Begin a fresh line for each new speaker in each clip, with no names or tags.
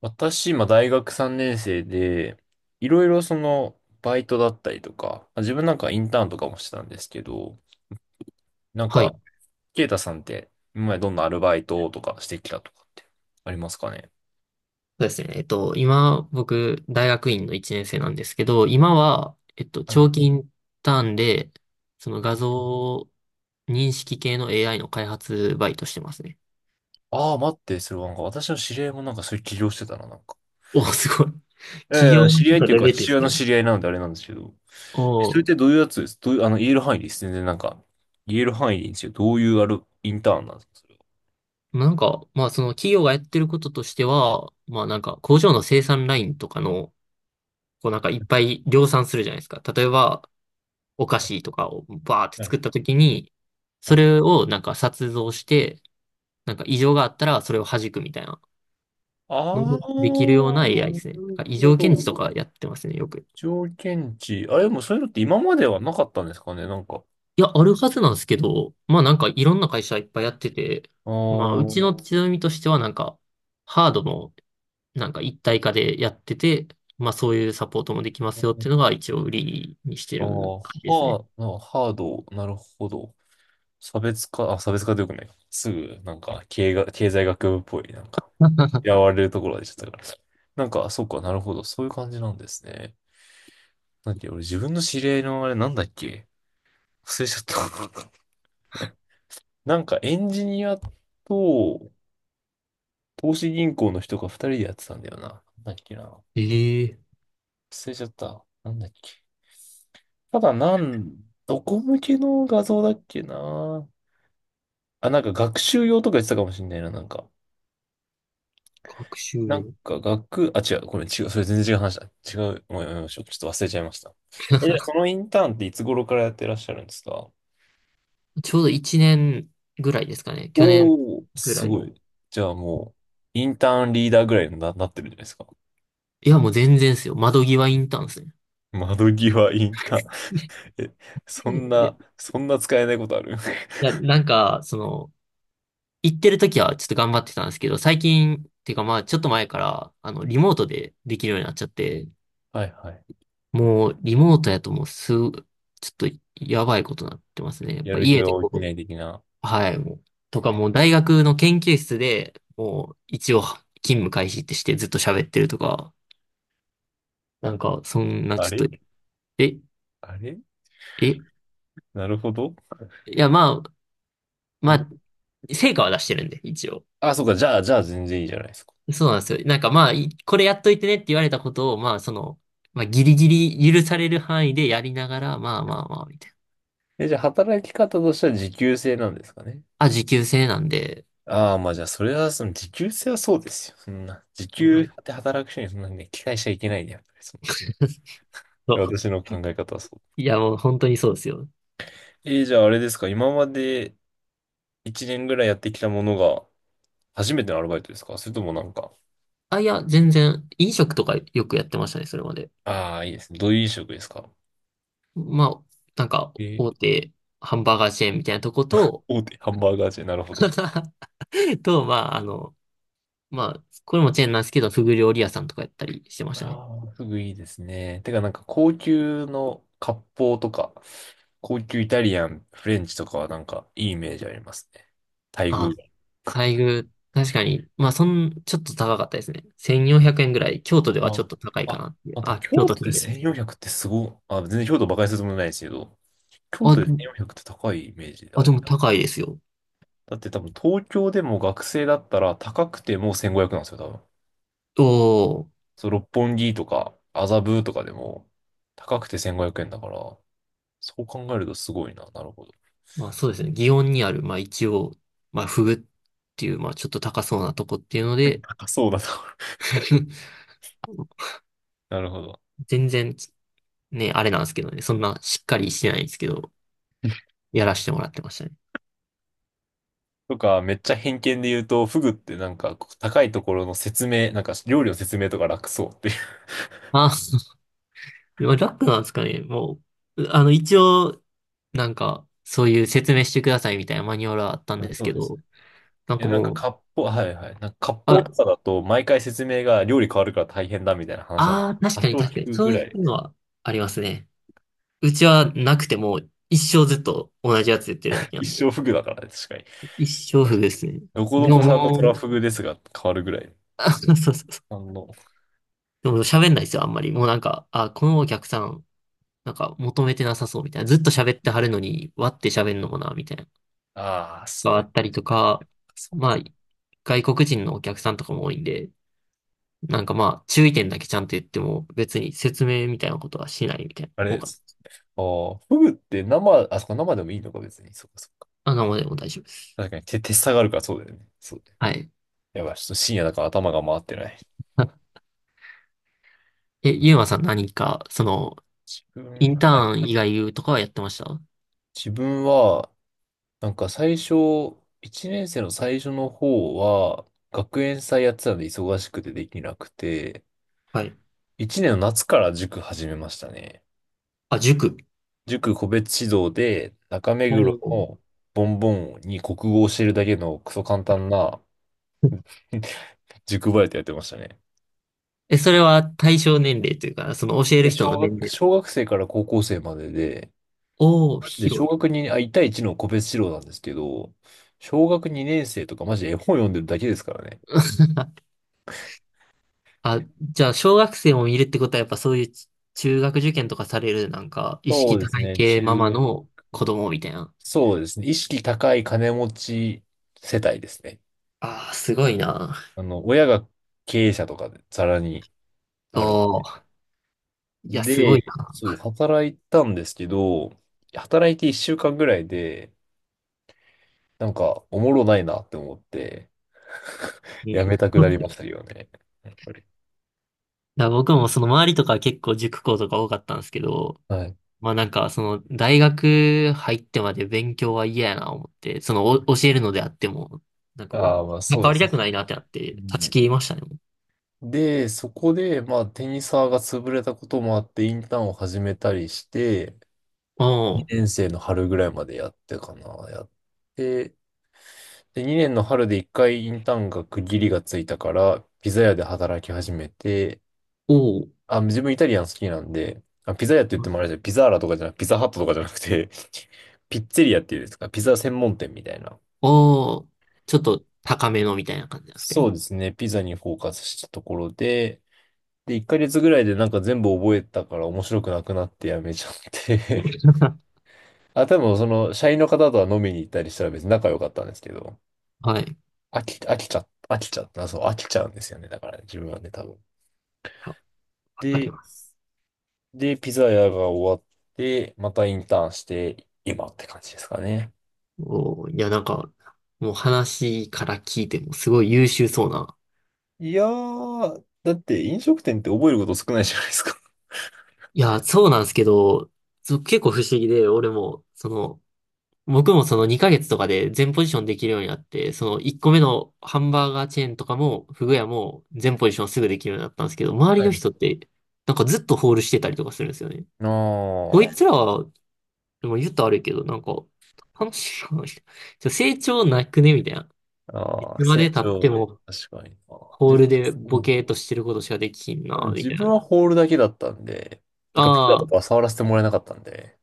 私、今、大学3年生で、いろいろバイトだったりとか、自分インターンとかもしてたんですけど、なん
はい。そ
か、ケイタさんって、今までどんなアルバイトとかしてきたとかってありますかね？
うですね。今、僕、大学院の1年生なんですけど、今は、
はい。
長期インターンで、その
う
画
ん。
像認識系の AI の開発バイトしてますね。
ああ、待って、それはなんか、私の知り合いもなんかそういう起業してたな、なんか。
お、すごい。
いやい
企業
や、知
の
り
ち
合
ょっ
いっ
と
ていう
レ
か、
ベルで
父
す
親の
ね。
知り合いなのであれなんですけど、それっ
お、
てどういうやつです？どういう、言える範囲です。全然なんか、言える範囲でいいんですよ。どういうある、インターンなんですかそれ
なんか、まあ、その企業がやってることとしては、まあ、なんか、工場の生産ラインとかの、こう、なんか、いっぱい量産するじゃないですか。例えば、お菓子とかをバーって
は。
作ったときに、
は
そ
い。
れをなんか、撮像して、なんか異常があったらそれを弾くみたいなの
あ
も
あ、
できる
な
ような AI ですね。なん
る
か異
ほ
常検知
ど。
とかやってますね、よく。
条件値。あれ、でもそういうのって今まではなかったんですかね、なんか。
いや、あるはずなんですけど、まあなんかいろんな会社いっぱいやってて、
あ
まあうち
ー。
の強みとしてはなんかハードもなんか一体化でやってて、まあそういうサポートもできますよっていうのが一応売りにして
あ
る
ー、
感じですね。
ハー、なハード、なるほど。差別化、あ、差別化でよくないか。すぐ、なんか、経が、経済学部っぽい、なんか、嫌わ れるところが出ちゃったから。なんか、そっか、なるほど。そういう感じなんですね。なんだっけ、俺自分の知り合いのあれなんだっけ。忘れちゃった。なんか、エンジニアと、投資銀行の人が二人でやってたんだよな。なんだっけな。
ええ、
忘れちゃった。なんだっけ。ただなん、どこ向けの画像だっけな。あ、なんか学習用とか言ってたかもしんないな、なんか。
学習
なん
用。
か学、あ、違う、これ違う、それ全然違う話だ。違う、もうやめましょう。ちょっと忘れちゃいました。え、じゃあそのインターンっていつ頃からやってらっしゃるんですか？
ちょうど1年ぐらいですかね。去年
おおー、
ぐ
す
らい。
ごい。じゃあもう、インターンリーダーぐらいにな、なってるんじゃないですか？
いや、もう全然ですよ。窓際インターンですね。
窓際インターン。
い
え、そん
や
な、そんな使えないことある？
いや、なんか、その、行ってる時はちょっと頑張ってたんですけど、最近、っていうかまあ、ちょっと前から、リモートでできるようになっちゃって、
はいはい。
もう、リモートやともうちょっと、やばいことになってますね。やっ
や
ぱ
る気
家
が
で
起
こ
きな
う、
い的な。
はい、もう、とかもう大学の研究室で、もう、一応、勤務開始ってしてずっと喋ってるとか、なんか、そんな
あ
ちょっと、
れ。
え、
あれ。
い
なるほど。
や、まあ、ま
ど。
あ、成果は出してるんで、一応。
あ、そうか。じゃあ、じゃあ全然いいじゃないですか。
そうなんですよ。なんかまあ、これやっといてねって言われたことを、まあその、まあギリギリ許される範囲でやりながら、まあまあまあ、みたいな。
え、じゃあ働き方としては時給制なんですかね？
あ、時給制なんで、
ああ、まあじゃあ、それは、その時給制はそうですよ。そんな。時
う
給
ん。
で働く人にそんなにね、期待しちゃいけないね。やっぱりそ
そ
の
う。
私の考え方はそう。
いやもう本当にそうですよ。
えー、じゃああれですか。今まで1年ぐらいやってきたものが初めてのアルバイトですか？それともなんか、
あ、いや、全然、飲食とかよくやってましたね、それまで。
ああ、いいですね。どういう飲食ですか？
まあ、なんか、
え
大
ー。
手ハンバーガーチェーンみたいなとこと、
大手ハンバーガーチェーン、なるほど。
と、まあ、まあ、これもチェーンなんですけど、フグ料理屋さんとかやったりしてましたね。
ああ、フグいいですね。てかなんか高級の割烹とか、高級イタリアン、フレンチとかはなんかいいイメージありますね。待
あ、
遇。
待遇、確かに、まあ、ちょっと高かったですね。1400円ぐらい。京都ではちょ
あ
っと高いか
あ、
なっていう。
待って、
あ、京
京
都
都
住
で
んでるんですけど。
1,400ってすごい、あ、全然京都馬鹿にするつもりないですけど、京
あ、
都で1,400って高いイメージで
あ、
あ
で
る。
も高いですよ。
だって多分東京でも学生だったら高くても1,500なんですよ、多分。
おお、
そう、六本木とか麻布とかでも高くて1,500円だから、そう考えるとすごいな。なるほど。
まあそうですね。祇園にある、まあ一応、まあフグっていう、まあちょっと高そうなとこっていうの で、
高そうだな。なるほど。
全然、ね、あれなんですけどね。そんなしっかりしてないんですけど、やらせてもらってましたね。
とか、めっちゃ偏見で言うと、フグってなんかこう高いところの説明、なんか料理の説明とか楽そうっていう。
あ、でも楽なんですかね。もう、一応、なんか、そういう説明してくださいみたいなマニュアルはあったん
あ、
です
そ
け
うですね。
ど、なん
え、
か
なんか
もう、
割烹、はいはい。なんか割烹
あ、
とかだと、毎回説明が料理変わるから大変だみたいな話なんで、
ああ、確
多
かに
少
確か
聞
に、
く
そ
ぐ
う
ら
い
い。
うのはありますね。うちはなくても、一生ずっと同じやつ言ってるだ けな
一
んで、
生フグだからね、確かに。
一生
確
不遇
かに。
ですね。
どこ
で
ど
も
こさんの
も
ト
う、
ラフ グですが変わるぐらい。
あ、そうそうそう。
あの、
でも喋んないですよ、あんまり。もうなんか、あ、このお客さん、なんか求めてなさそうみたいな。ずっと喋ってはるのに、割って喋んのもな、みたいな。
ああ、そ
が
う
あ
や、
ったりとか、
そう
ま
か。
あ、外国人のお客さんとかも多いんで、なんかまあ、注意点だけちゃんと言っても、別に説明みたいなことはしないみたいな
あれ
方
で
が、
す。ああ、フグって生、あ、そこ生でもいいのか別に。そうかそうか。
あ、なんもでも大丈夫です。
確かに手、手下がるからそうだよね。そうだよ。
はい。
やばい、ちょっと深夜だから頭が回ってな い。
あゆうまさん何か、その、
自
イ
分、
ンタ
はい。
ーン以外とかはやってました？
自分は、なんか最初、1年生の最初の方は、学園祭やってたんで忙しくてできなくて、
はい。
1年の夏から塾始めましたね。
あ、塾。
塾個別指導で、中目
お
黒
ー。
のボンボンに国語を教えるだけのクソ簡単な 塾バイトやってましたね。
え、それは対象年齢というか、その教える
で、
人
小
の年
学、
齢。
小学生から高校生までで、
おお、
マジで
広
小
い。
学にあ、1対1の個別指導なんですけど、小学2年生とかマジで絵本読んでるだけですからね。
あ、じゃあ、小学生もいるってことは、やっぱそういう中学受験とかされる、なんか、意
そう
識
です
高い
ね。中
系ママ
学、
の子供みたいな。
そうですね。意識高い金持ち世帯ですね。
ああ、すごいな。
あの、親が経営者とかでざらに
お
ある。
ー、いや、すごい
で、そ
な。
う、働いたんですけど、働いて1週間ぐらいで、なんか、おもろないなって思って、
い
やめたくなりましたよね。やっぱり。
や、僕もその周りとか結構塾校とか多かったんですけど、
はい。
まあなんか、その、大学入ってまで勉強は嫌やな思って、その、教えるのであっても、なんか
あ
も
あ、まあ
う、関
そうで
わり
す
たくない
ね。
なってなっ
う
て、断ち
ん。
切りましたね。
で、そこで、まあ、テニサーが潰れたこともあって、インターンを始めたりして、
も
2年生の春ぐらいまでやってかな、やって、で、2年の春で1回インターンが区切りがついたから、ピザ屋で働き始めて、
う、お、
あ、自分イタリアン好きなんで、あ、ピザ屋って言っ
ああ、
てもあれじゃん、ピザーラとかじゃなく、ピザハットとかじゃなくて ピッツェリアっていうんですか、ピザ専門店みたいな。
おお、おお、ちょっと高めのみたいな感じなんですか
そ
ね。
うですね、ピザにフォーカスしたところで、で、1ヶ月ぐらいでなんか全部覚えたから面白くなくなってやめちゃって あ、多分その、社員の方とは飲みに行ったりしたら別に仲良かったんですけど、
はい。
飽きちゃった、そう、飽きちゃうんですよね。だからね、自分はね、多分。
あ、わかり
で、
ます。
で、ピザ屋が終わって、またインターンして、今って感じですかね。
おお、いや、なんか、もう話から聞いてもすごい優秀そうな。
いやー、だって飲食店って覚えること少ないじゃないですか。
いや、そうなんですけど、そう結構不思議で、俺も、その、僕もその2ヶ月とかで全ポジションできるようになって、その1個目のハンバーガーチェーンとかも、フグ屋も全ポジションすぐできるようになったんですけど、周り
は
の
い。
人って、なんかずっとホールしてたりとかするんですよね。
あ
こ
ー。
いつらは、でも言ったら悪いけど、なんか、楽しいな、ちょっ成長なくねみたいな。い
あー、
つま
成
で経って
長、
も、
確かにな。
ホー
自分、
ルで
う
ボ
ん、
ケーっとしてることしかできひん
あ
な、
の
み
自
たい
分
な。
はホールだけだったんで、なん
あ
かピザと
ー、
かは触らせてもらえなかったんで、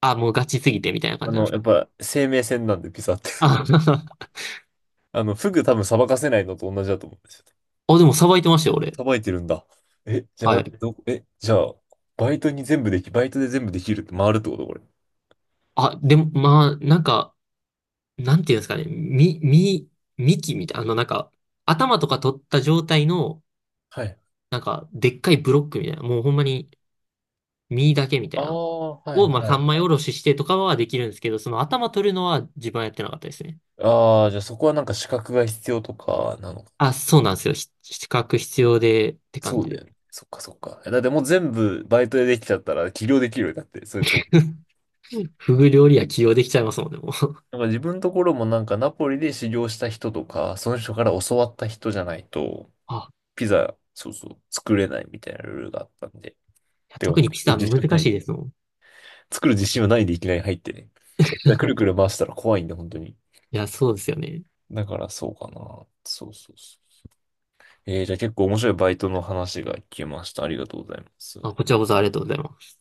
あ、もうガチすぎて、みたいな
あ
感じなんで
の、
す
や
か。
っぱ生命線なんでピザって。
あ、
あの、フグ多分さばかせないのと同じだと思うんですよ。
あ、でもさばいてましたよ、俺。
さばいてるんだ。え、じゃあ
は
待っ
い。
て、ど、え、じゃあ、バイトに全部でき、バイトで全部できるって回るってことこれ？
あ、でも、まあ、なんか、なんていうんですかね、幹みたいな、なんか、頭とか取った状態の、
はい。
なんか、でっかいブロックみたいな、もうほんまに、実だけみたい
あ
な、
あ、はい、
を、まあ、
は
三
い。
枚おろししてとかはできるんですけど、その頭取るのは自分はやってなかったですね。
ああ、じゃあそこはなんか資格が必要とかなのか。
あ、そうなんですよ。資格必要で、って感
そう
じ
だ
で。
よね。そっかそっか。えだってもう全部バイトでできちゃったら起業できるよ。だって、それとも。
フグ料理は起用できちゃいますもんね、もう。
なんか自分のところもなんかナポリで修行した人とか、その人から教わった人じゃないと、
あ、
ピザ、そうそう、作れないみたいなルールがあったんで。
いや
でも
特に
作
ピ
る
ザ
自
難
信な
しい
い。
ですもん。
作る自信はないでいきなり入ってね。でくるくる回したら怖いんで、本当に。
いや、そうですよね。
だからそうかな。そうそうそう。えー、じゃあ結構面白いバイトの話が聞けました。ありがとうございます。
あ、こちらこそありがとうございます。